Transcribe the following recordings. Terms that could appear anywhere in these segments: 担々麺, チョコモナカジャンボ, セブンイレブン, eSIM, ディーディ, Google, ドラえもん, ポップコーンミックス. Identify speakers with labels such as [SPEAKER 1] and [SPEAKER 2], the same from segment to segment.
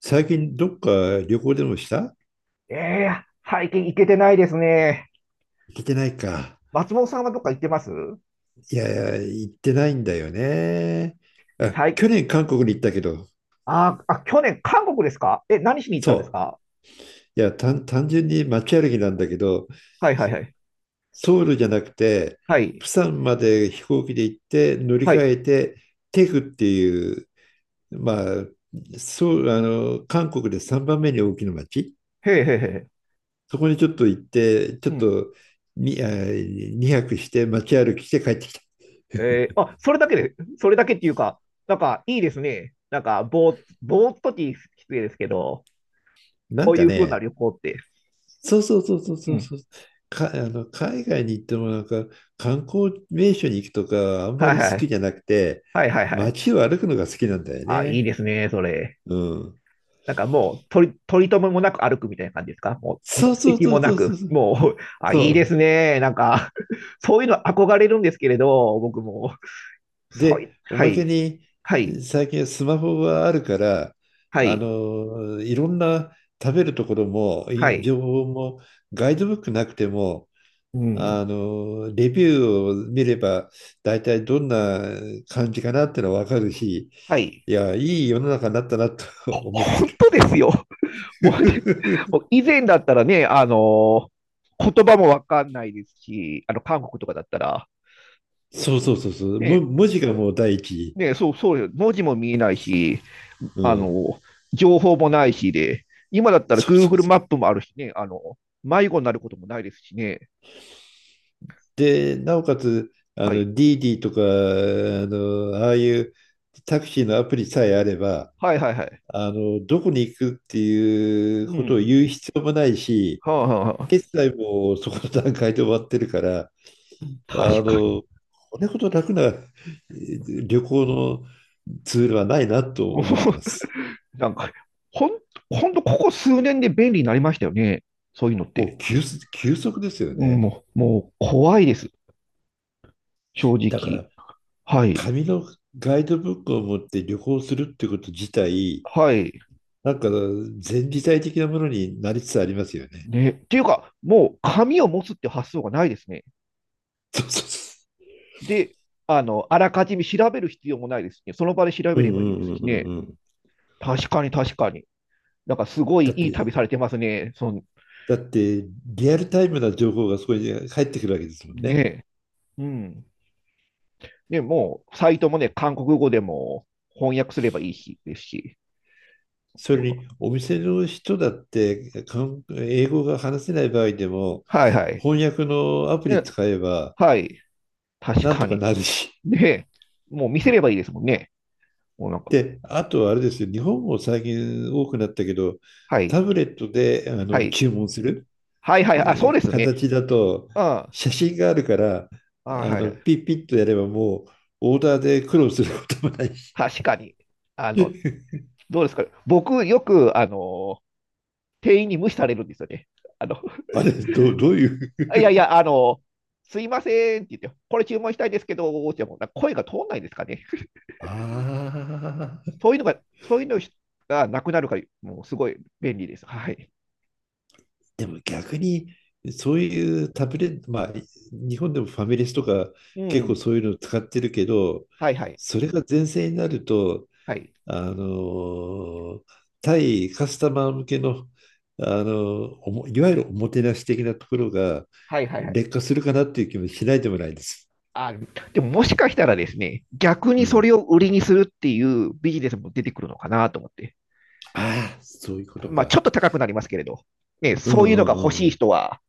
[SPEAKER 1] 最近どっか旅行でもした？
[SPEAKER 2] ええー最近行けてないですね。
[SPEAKER 1] 行ってないか。
[SPEAKER 2] 松本さんはどっか行ってます？
[SPEAKER 1] いやいや、行ってないんだよね。
[SPEAKER 2] で、
[SPEAKER 1] あ、
[SPEAKER 2] 最、
[SPEAKER 1] 去年韓国に行ったけど、
[SPEAKER 2] あー、あ、去年、韓国ですか？何しに行ったんです
[SPEAKER 1] そ
[SPEAKER 2] か？
[SPEAKER 1] う。いや、単純に街歩きなんだけど、
[SPEAKER 2] はいはいはい。
[SPEAKER 1] ソウルじゃなくて、
[SPEAKER 2] はい。
[SPEAKER 1] 釜山まで飛行機で行って乗り
[SPEAKER 2] は
[SPEAKER 1] 換
[SPEAKER 2] い。
[SPEAKER 1] えて、テグっていう、まあ、そう、韓国で3番目に大きな街。
[SPEAKER 2] へえへえへえ。
[SPEAKER 1] そこにちょっと行って、ちょ
[SPEAKER 2] う
[SPEAKER 1] っ
[SPEAKER 2] ん。
[SPEAKER 1] とに、あ、2泊して街歩きして帰ってきた。
[SPEAKER 2] あ、それだけっていうか、なんかいいですね。なんか、ぼーっときき失礼ですけど、
[SPEAKER 1] なん
[SPEAKER 2] そう
[SPEAKER 1] か
[SPEAKER 2] いう風な
[SPEAKER 1] ね、
[SPEAKER 2] 旅行って。
[SPEAKER 1] そうそうそうそうそ
[SPEAKER 2] う
[SPEAKER 1] う
[SPEAKER 2] ん。
[SPEAKER 1] そう。海外に行ってもなんか観光名所に行くとかあんま
[SPEAKER 2] はい
[SPEAKER 1] り好
[SPEAKER 2] は
[SPEAKER 1] き
[SPEAKER 2] い。
[SPEAKER 1] じゃなくて、
[SPEAKER 2] はいはいはい。
[SPEAKER 1] 街を歩くのが好きなんだよ
[SPEAKER 2] あ、いい
[SPEAKER 1] ね。
[SPEAKER 2] ですね、それ。
[SPEAKER 1] うん。
[SPEAKER 2] なんかもう、取り留めもなく歩くみたいな感じですか？もう、
[SPEAKER 1] そう
[SPEAKER 2] 目
[SPEAKER 1] そう
[SPEAKER 2] 的
[SPEAKER 1] そう
[SPEAKER 2] も
[SPEAKER 1] そ
[SPEAKER 2] な
[SPEAKER 1] うそう
[SPEAKER 2] く、
[SPEAKER 1] そう。
[SPEAKER 2] もう、あ、
[SPEAKER 1] そ
[SPEAKER 2] いいで
[SPEAKER 1] う。
[SPEAKER 2] すね。なんか、そういうの憧れるんですけれど、僕も。そうい、
[SPEAKER 1] で、お
[SPEAKER 2] は
[SPEAKER 1] ま
[SPEAKER 2] い、
[SPEAKER 1] けに
[SPEAKER 2] はい、
[SPEAKER 1] 最近はスマホがあるから、
[SPEAKER 2] はい、
[SPEAKER 1] いろんな食べるところも、
[SPEAKER 2] はい、
[SPEAKER 1] 情報もガイドブックなくても
[SPEAKER 2] うん、
[SPEAKER 1] レビューを見れば、大体どんな感じかなってのは分かるし、
[SPEAKER 2] はい。
[SPEAKER 1] いや、いい世の中になったなと 思って
[SPEAKER 2] 本当ですよ。もうね、
[SPEAKER 1] る。
[SPEAKER 2] もう以前だったらね、言葉もわかんないですし、韓国とかだったら、
[SPEAKER 1] そうそうそうそう。
[SPEAKER 2] ね、
[SPEAKER 1] 文字がもう第一。
[SPEAKER 2] ね、そう、そうよ。文字も見えないし、
[SPEAKER 1] う
[SPEAKER 2] あ
[SPEAKER 1] ん。
[SPEAKER 2] の、情報もないしで、今だったら
[SPEAKER 1] そうそう
[SPEAKER 2] Google
[SPEAKER 1] そう。
[SPEAKER 2] マップもあるしね、迷子になることもないですしね。
[SPEAKER 1] で、なおかつ、
[SPEAKER 2] はい。
[SPEAKER 1] ディーディとか、ああいうタクシーのアプリさえあれば、
[SPEAKER 2] はいはいはい。
[SPEAKER 1] どこに行くってい
[SPEAKER 2] う
[SPEAKER 1] うこと
[SPEAKER 2] ん。
[SPEAKER 1] を言う必要もないし、
[SPEAKER 2] はあはあはあ。
[SPEAKER 1] 決済もそこの段階で終わってるから、
[SPEAKER 2] 確
[SPEAKER 1] あ
[SPEAKER 2] かに。
[SPEAKER 1] の、これほど楽な旅行のツールはないな と
[SPEAKER 2] も
[SPEAKER 1] 思ってます。
[SPEAKER 2] うなんか、ほん、ほんとここ数年で便利になりましたよね。そういうのっ
[SPEAKER 1] も
[SPEAKER 2] て。
[SPEAKER 1] う急速、急速ですよ
[SPEAKER 2] うん、
[SPEAKER 1] ね。
[SPEAKER 2] もう怖いです。正
[SPEAKER 1] だか
[SPEAKER 2] 直。
[SPEAKER 1] ら、
[SPEAKER 2] はい。
[SPEAKER 1] 紙のガイドブックを持って旅行するってこと自体、
[SPEAKER 2] はい。
[SPEAKER 1] なんか前時代的なものになりつつありますよね。
[SPEAKER 2] ね。っていうか、もう紙を持つって発想がないですね。
[SPEAKER 1] そうそうそ
[SPEAKER 2] で、あらかじめ調べる必要もないですね。その場で調
[SPEAKER 1] う。
[SPEAKER 2] べ
[SPEAKER 1] う
[SPEAKER 2] れ
[SPEAKER 1] んう
[SPEAKER 2] ばいいです
[SPEAKER 1] ん
[SPEAKER 2] し
[SPEAKER 1] うん
[SPEAKER 2] ね。
[SPEAKER 1] うんうん。
[SPEAKER 2] 確かに確かに。なんかすごい
[SPEAKER 1] だっ
[SPEAKER 2] いい旅
[SPEAKER 1] て、
[SPEAKER 2] されてますね。
[SPEAKER 1] だって、リアルタイムな情報がそこに入ってくるわけですもん
[SPEAKER 2] ね
[SPEAKER 1] ね。
[SPEAKER 2] え。うん。ね、もう、サイトもね、韓国語でも翻訳すればいいし、ですし。
[SPEAKER 1] そ
[SPEAKER 2] なん
[SPEAKER 1] れ
[SPEAKER 2] か、
[SPEAKER 1] にお店の人だって英語が話せない場合でも
[SPEAKER 2] はいはい。
[SPEAKER 1] 翻訳のアプリ
[SPEAKER 2] ね、
[SPEAKER 1] 使えば
[SPEAKER 2] はい。確
[SPEAKER 1] なん
[SPEAKER 2] か
[SPEAKER 1] とか
[SPEAKER 2] に。
[SPEAKER 1] なるし。
[SPEAKER 2] ねえ。もう見せればいいですもんね。もうなん か、
[SPEAKER 1] で、あとはあれですよ、日本も最近多くなったけど、
[SPEAKER 2] は
[SPEAKER 1] タ
[SPEAKER 2] い。
[SPEAKER 1] ブレットで
[SPEAKER 2] はい。
[SPEAKER 1] 注文する、
[SPEAKER 2] はいは
[SPEAKER 1] え
[SPEAKER 2] い。あ、そうですね。
[SPEAKER 1] 形だと
[SPEAKER 2] うん。あ、
[SPEAKER 1] 写真があるから
[SPEAKER 2] はいは
[SPEAKER 1] ピ
[SPEAKER 2] い。
[SPEAKER 1] ッピッとやればもうオーダーで苦労することもないし。
[SPEAKER 2] 確かに。あの、どうですか？僕、よく、店員に無視されるんですよね。あの、
[SPEAKER 1] あれどう、どういう。
[SPEAKER 2] いやいや、すいませんって言って、これ注文したいですけど、ってもうな声が通んないですかね。
[SPEAKER 1] ああ。
[SPEAKER 2] そういうのがなくなるから、もうすごい便利です。はい。
[SPEAKER 1] でも逆に、そういうタブレット、まあ、日本でもファミレスとか
[SPEAKER 2] う
[SPEAKER 1] 結構
[SPEAKER 2] ん。
[SPEAKER 1] そういうのを使ってるけど、
[SPEAKER 2] はいはい。
[SPEAKER 1] それが全盛になると、
[SPEAKER 2] はい。
[SPEAKER 1] あの対カスタマー向けの、あのおもいわゆるおもてなし的なところが
[SPEAKER 2] はいはいはい。
[SPEAKER 1] 劣化するかなっていう気もしないでもないです。
[SPEAKER 2] あ、でももしかしたらですね、逆
[SPEAKER 1] う
[SPEAKER 2] にそ
[SPEAKER 1] ん、
[SPEAKER 2] れを売りにするっていうビジネスも出てくるのかなと思って。
[SPEAKER 1] ああ、そういうこと
[SPEAKER 2] まあ、ちょ
[SPEAKER 1] か。
[SPEAKER 2] っと高くなりますけれど、ね、
[SPEAKER 1] うん
[SPEAKER 2] そ
[SPEAKER 1] う
[SPEAKER 2] ういうのが欲
[SPEAKER 1] んうん
[SPEAKER 2] しい
[SPEAKER 1] うん。
[SPEAKER 2] 人は、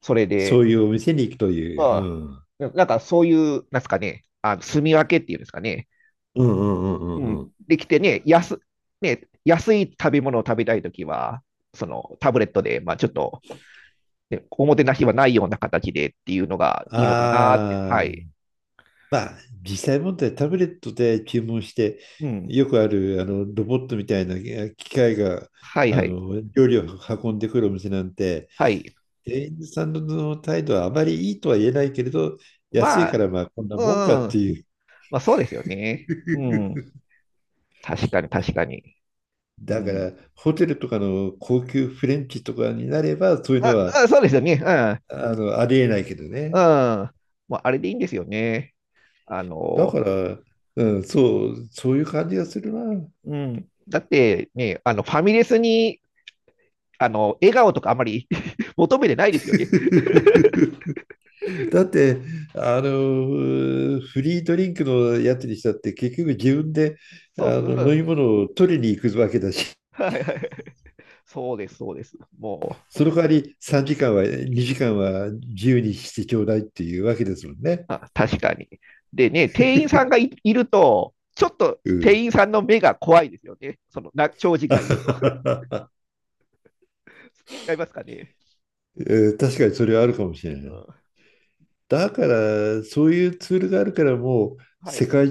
[SPEAKER 2] それ
[SPEAKER 1] そ
[SPEAKER 2] で、
[SPEAKER 1] ういうお店に行くと
[SPEAKER 2] ま
[SPEAKER 1] いう。う
[SPEAKER 2] あ、
[SPEAKER 1] ん、うん
[SPEAKER 2] なんかそういう、なんですかね、住み分けっていうんですかね、
[SPEAKER 1] うんうん
[SPEAKER 2] う
[SPEAKER 1] うんう
[SPEAKER 2] ん、
[SPEAKER 1] ん。
[SPEAKER 2] できてね、安い食べ物を食べたいときは、そのタブレットで、まあ、ちょっと、ね、おもてなしはないような形でっていうのがいいのかなって、は
[SPEAKER 1] ああ、
[SPEAKER 2] い。
[SPEAKER 1] まあ、実際問題、タブレットで注文して、
[SPEAKER 2] うん。
[SPEAKER 1] よくあるロボットみたいな機械が
[SPEAKER 2] はいはい。
[SPEAKER 1] 料理を運んでくるお店なんて、
[SPEAKER 2] はい。
[SPEAKER 1] 店員さんの態度はあまりいいとは言えないけれど、安い
[SPEAKER 2] ま
[SPEAKER 1] か
[SPEAKER 2] あ、
[SPEAKER 1] らまあこんなもんか
[SPEAKER 2] う
[SPEAKER 1] って
[SPEAKER 2] ん、
[SPEAKER 1] いう。
[SPEAKER 2] まあ、そうですよね。うん。確かに、確かに。う
[SPEAKER 1] だか
[SPEAKER 2] ん。
[SPEAKER 1] らホテルとかの高級フレンチとかになればそういうの
[SPEAKER 2] あ、
[SPEAKER 1] は
[SPEAKER 2] あ、そうですよね。
[SPEAKER 1] ありえないけど
[SPEAKER 2] う
[SPEAKER 1] ね。
[SPEAKER 2] ん。うん。まあ、あれでいいんですよね。あ
[SPEAKER 1] だか
[SPEAKER 2] の、
[SPEAKER 1] ら、うん、そう、そういう感じがするな。
[SPEAKER 2] うん。だってね、ファミレスに、笑顔とかあまり 求めてないですよね。
[SPEAKER 1] だって、フリードリンクのやつにしたって、結局自分で
[SPEAKER 2] そうそう、う
[SPEAKER 1] 飲み
[SPEAKER 2] ん。
[SPEAKER 1] 物を取りに行くわけだし、
[SPEAKER 2] はいはい。そうです、そうです。もう、
[SPEAKER 1] その代わり3時間は、2時間は自由にしてちょうだいっていうわけですもんね。
[SPEAKER 2] あ、確かに。でね、店員さんがいると、ちょっと
[SPEAKER 1] うん。
[SPEAKER 2] 店員さんの目が怖いですよね。長時間いると。違いますかね。
[SPEAKER 1] 確かにそれはあるかもしれ
[SPEAKER 2] う
[SPEAKER 1] ない。
[SPEAKER 2] ん。
[SPEAKER 1] だから、そういうツールがあるから、もう
[SPEAKER 2] はい。
[SPEAKER 1] 世界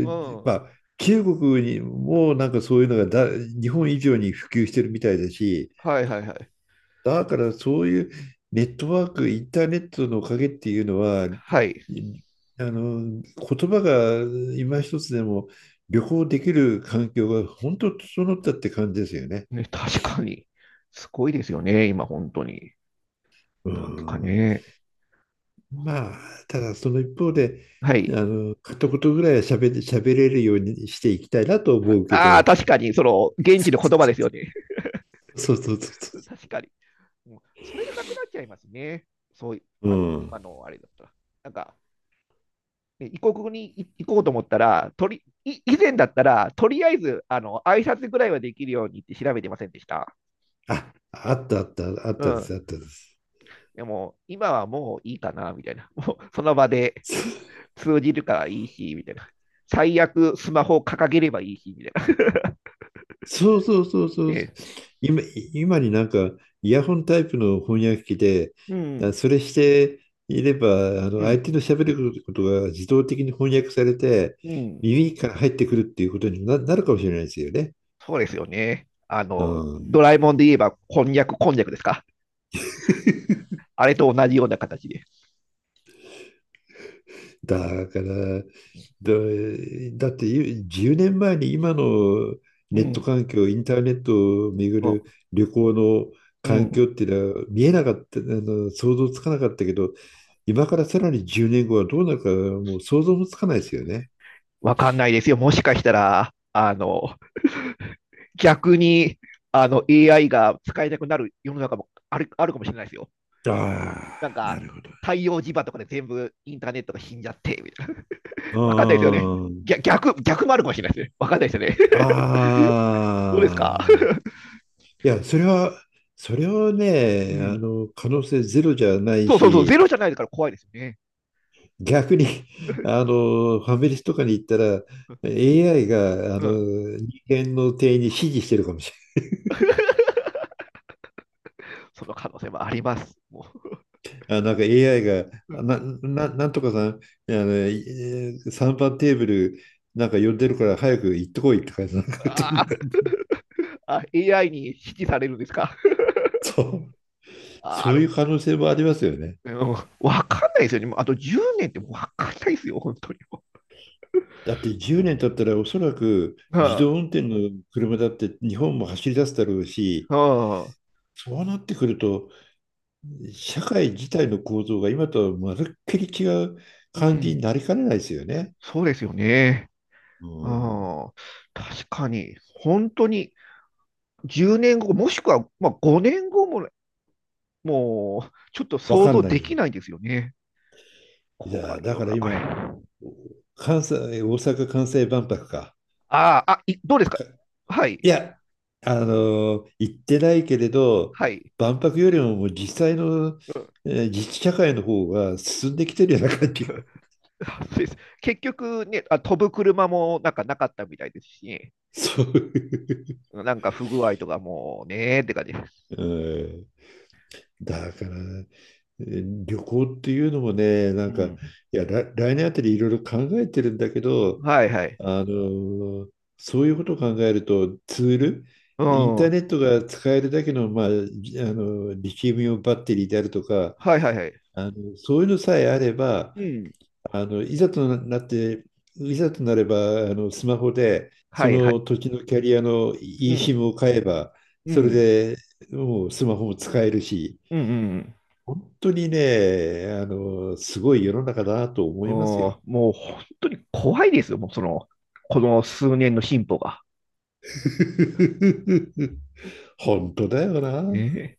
[SPEAKER 2] うん。
[SPEAKER 1] まあ、中国にもなんかそういうのが日本以上に普及してるみたいだし、
[SPEAKER 2] はいはいはい。
[SPEAKER 1] だからそういうネットワーク、インターネットのおかげっていうのは、
[SPEAKER 2] はい。
[SPEAKER 1] いあの、言葉が今一つでも旅行できる環境が本当整ったって感じですよね。
[SPEAKER 2] ね、確かに。すごいですよね、今、本当に。
[SPEAKER 1] う
[SPEAKER 2] なんとか
[SPEAKER 1] ん。
[SPEAKER 2] ね。
[SPEAKER 1] まあ、ただその一方で、
[SPEAKER 2] はい。
[SPEAKER 1] 片言ぐらいは喋れるようにしていきたいなと思うけ
[SPEAKER 2] ああ、
[SPEAKER 1] ど、
[SPEAKER 2] 確かに、現地の言葉ですよね。
[SPEAKER 1] そうそうそう そ
[SPEAKER 2] 確かに。うん。それがなくなっちゃいますね。そうい
[SPEAKER 1] う。う
[SPEAKER 2] あの、
[SPEAKER 1] ん。
[SPEAKER 2] 今のあれだったら。なんか、で異国に行こうと思ったら、とりい以前だったら、とりあえず挨拶ぐらいはできるようにって調べてませんでした。
[SPEAKER 1] あ、あったあった、あっ
[SPEAKER 2] う
[SPEAKER 1] たで
[SPEAKER 2] ん。
[SPEAKER 1] す、あったです。
[SPEAKER 2] でも、今はもういいかな、みたいな。もうその場で 通じるからいいし、みたいな。最悪、スマホを掲げればいいし、みたいな。
[SPEAKER 1] そうそうそうそう。
[SPEAKER 2] で、
[SPEAKER 1] 今、今になんかイヤホンタイプの翻訳機で、
[SPEAKER 2] うん、
[SPEAKER 1] それしていれば、
[SPEAKER 2] う
[SPEAKER 1] 相
[SPEAKER 2] ん、
[SPEAKER 1] 手の喋ることが自動的に翻訳されて、
[SPEAKER 2] うん、
[SPEAKER 1] 耳から入ってくるっていうことになるかもしれないですよね。
[SPEAKER 2] そうですよね。
[SPEAKER 1] う
[SPEAKER 2] ド
[SPEAKER 1] ん。
[SPEAKER 2] ラえもんで言えば、こんにゃくですか？あれと同じような形で。うん、
[SPEAKER 1] だから、だって10年前に今の
[SPEAKER 2] う
[SPEAKER 1] ネット
[SPEAKER 2] ん、
[SPEAKER 1] 環境、インターネットを巡る旅行の
[SPEAKER 2] う
[SPEAKER 1] 環境
[SPEAKER 2] ん、
[SPEAKER 1] っていうのは見えなかった、想像つかなかったけど、今からさらに10年後はどうなるかもう想像もつかないですよね。
[SPEAKER 2] わかんないですよ。もしかしたら、逆にAI が使えなくなる世の中もあるかもしれないですよ。
[SPEAKER 1] あ
[SPEAKER 2] なん
[SPEAKER 1] あ、な
[SPEAKER 2] か、
[SPEAKER 1] るほど。
[SPEAKER 2] 太陽磁場とかで全部インターネットが死んじゃって、みたいな。わかんないですよね。
[SPEAKER 1] うん。
[SPEAKER 2] 逆もあるかもしれないですね。わかんないですよね。どうです
[SPEAKER 1] ああ。
[SPEAKER 2] か？
[SPEAKER 1] いや、それは
[SPEAKER 2] う
[SPEAKER 1] ね、
[SPEAKER 2] ん。
[SPEAKER 1] 可能性ゼロじゃない
[SPEAKER 2] そうそうそう、ゼ
[SPEAKER 1] し、
[SPEAKER 2] ロじゃないから怖いですよね。
[SPEAKER 1] 逆に、ファミレスとかに行ったら、AI が、
[SPEAKER 2] うん。
[SPEAKER 1] 人間の店員に指示してるかもしれ
[SPEAKER 2] その可能性もあります。も
[SPEAKER 1] ない。あ、なんか AI が、
[SPEAKER 2] う、うん、
[SPEAKER 1] なんとかさん、3番テーブル、なんか呼んでるから早く行ってこいって感じなんか、そんな
[SPEAKER 2] ああ、エーあ AI に支持されるんですか？
[SPEAKER 1] そう、
[SPEAKER 2] ああ、
[SPEAKER 1] そう
[SPEAKER 2] る、
[SPEAKER 1] いう可能性もありますよね。
[SPEAKER 2] うん、わかんないですよね。もうあと10年ってわかんないですよ、本当に。
[SPEAKER 1] だって10年経ったらおそらく
[SPEAKER 2] う
[SPEAKER 1] 自
[SPEAKER 2] ん
[SPEAKER 1] 動運転の車だって日本も走り出すだろうし、
[SPEAKER 2] うん。
[SPEAKER 1] そうなってくると社会自体の構造が今とはまるっきり違う
[SPEAKER 2] う
[SPEAKER 1] 感じ
[SPEAKER 2] ん。
[SPEAKER 1] になりかねないですよね。
[SPEAKER 2] そうですよね。
[SPEAKER 1] うん、
[SPEAKER 2] ああ、確かに、本当に10年後、もしくは、まあ、5年後もね、もう、ちょっと
[SPEAKER 1] わ
[SPEAKER 2] 想
[SPEAKER 1] かん
[SPEAKER 2] 像
[SPEAKER 1] な
[SPEAKER 2] でき
[SPEAKER 1] い。
[SPEAKER 2] ないんですよね。
[SPEAKER 1] い
[SPEAKER 2] 怖
[SPEAKER 1] や、
[SPEAKER 2] い
[SPEAKER 1] だ
[SPEAKER 2] 世
[SPEAKER 1] か
[SPEAKER 2] の
[SPEAKER 1] ら
[SPEAKER 2] 中で。
[SPEAKER 1] 今、
[SPEAKER 2] あ
[SPEAKER 1] 関西、大阪・関西万博か。
[SPEAKER 2] あ、どうですか？
[SPEAKER 1] か
[SPEAKER 2] はい、
[SPEAKER 1] いや、行ってないけれど、
[SPEAKER 2] はい。
[SPEAKER 1] 万博よりももう実際の、
[SPEAKER 2] うん、
[SPEAKER 1] 自治社会の方が進んできてるような感じが、
[SPEAKER 2] そうです。結局ね、あ、飛ぶ車もなんかなかったみたいですしね、
[SPEAKER 1] そういう。
[SPEAKER 2] なんか不具合とかもうねーって感じです。
[SPEAKER 1] うん、だから、旅行っていうのもね、な
[SPEAKER 2] う
[SPEAKER 1] んか、
[SPEAKER 2] ん。
[SPEAKER 1] いや、来年あたりいろいろ考えてるんだけど、
[SPEAKER 2] はいはい。
[SPEAKER 1] あの、そういうことを考えると、ツール、
[SPEAKER 2] う
[SPEAKER 1] イン
[SPEAKER 2] ん。
[SPEAKER 1] ター
[SPEAKER 2] は
[SPEAKER 1] ネットが使えるだけの、まあ、じあの、リチウムイオンバッテリーであるとか、
[SPEAKER 2] いはいはい。
[SPEAKER 1] そういうのさえあれば、
[SPEAKER 2] うん。
[SPEAKER 1] いざとなって、いざとなれば、スマホで、
[SPEAKER 2] は
[SPEAKER 1] そ
[SPEAKER 2] いはい。
[SPEAKER 1] の土地のキャリアの
[SPEAKER 2] うん。
[SPEAKER 1] eSIM を買えば、
[SPEAKER 2] う
[SPEAKER 1] それ
[SPEAKER 2] ん。
[SPEAKER 1] でもうスマホも使えるし、
[SPEAKER 2] うんうんうん。
[SPEAKER 1] 本当にね、すごい世の中だなと
[SPEAKER 2] う
[SPEAKER 1] 思
[SPEAKER 2] ん、
[SPEAKER 1] いますよ。
[SPEAKER 2] もう本当に怖いですよ、もうこの数年の進歩が。
[SPEAKER 1] 本当だよな。
[SPEAKER 2] ええ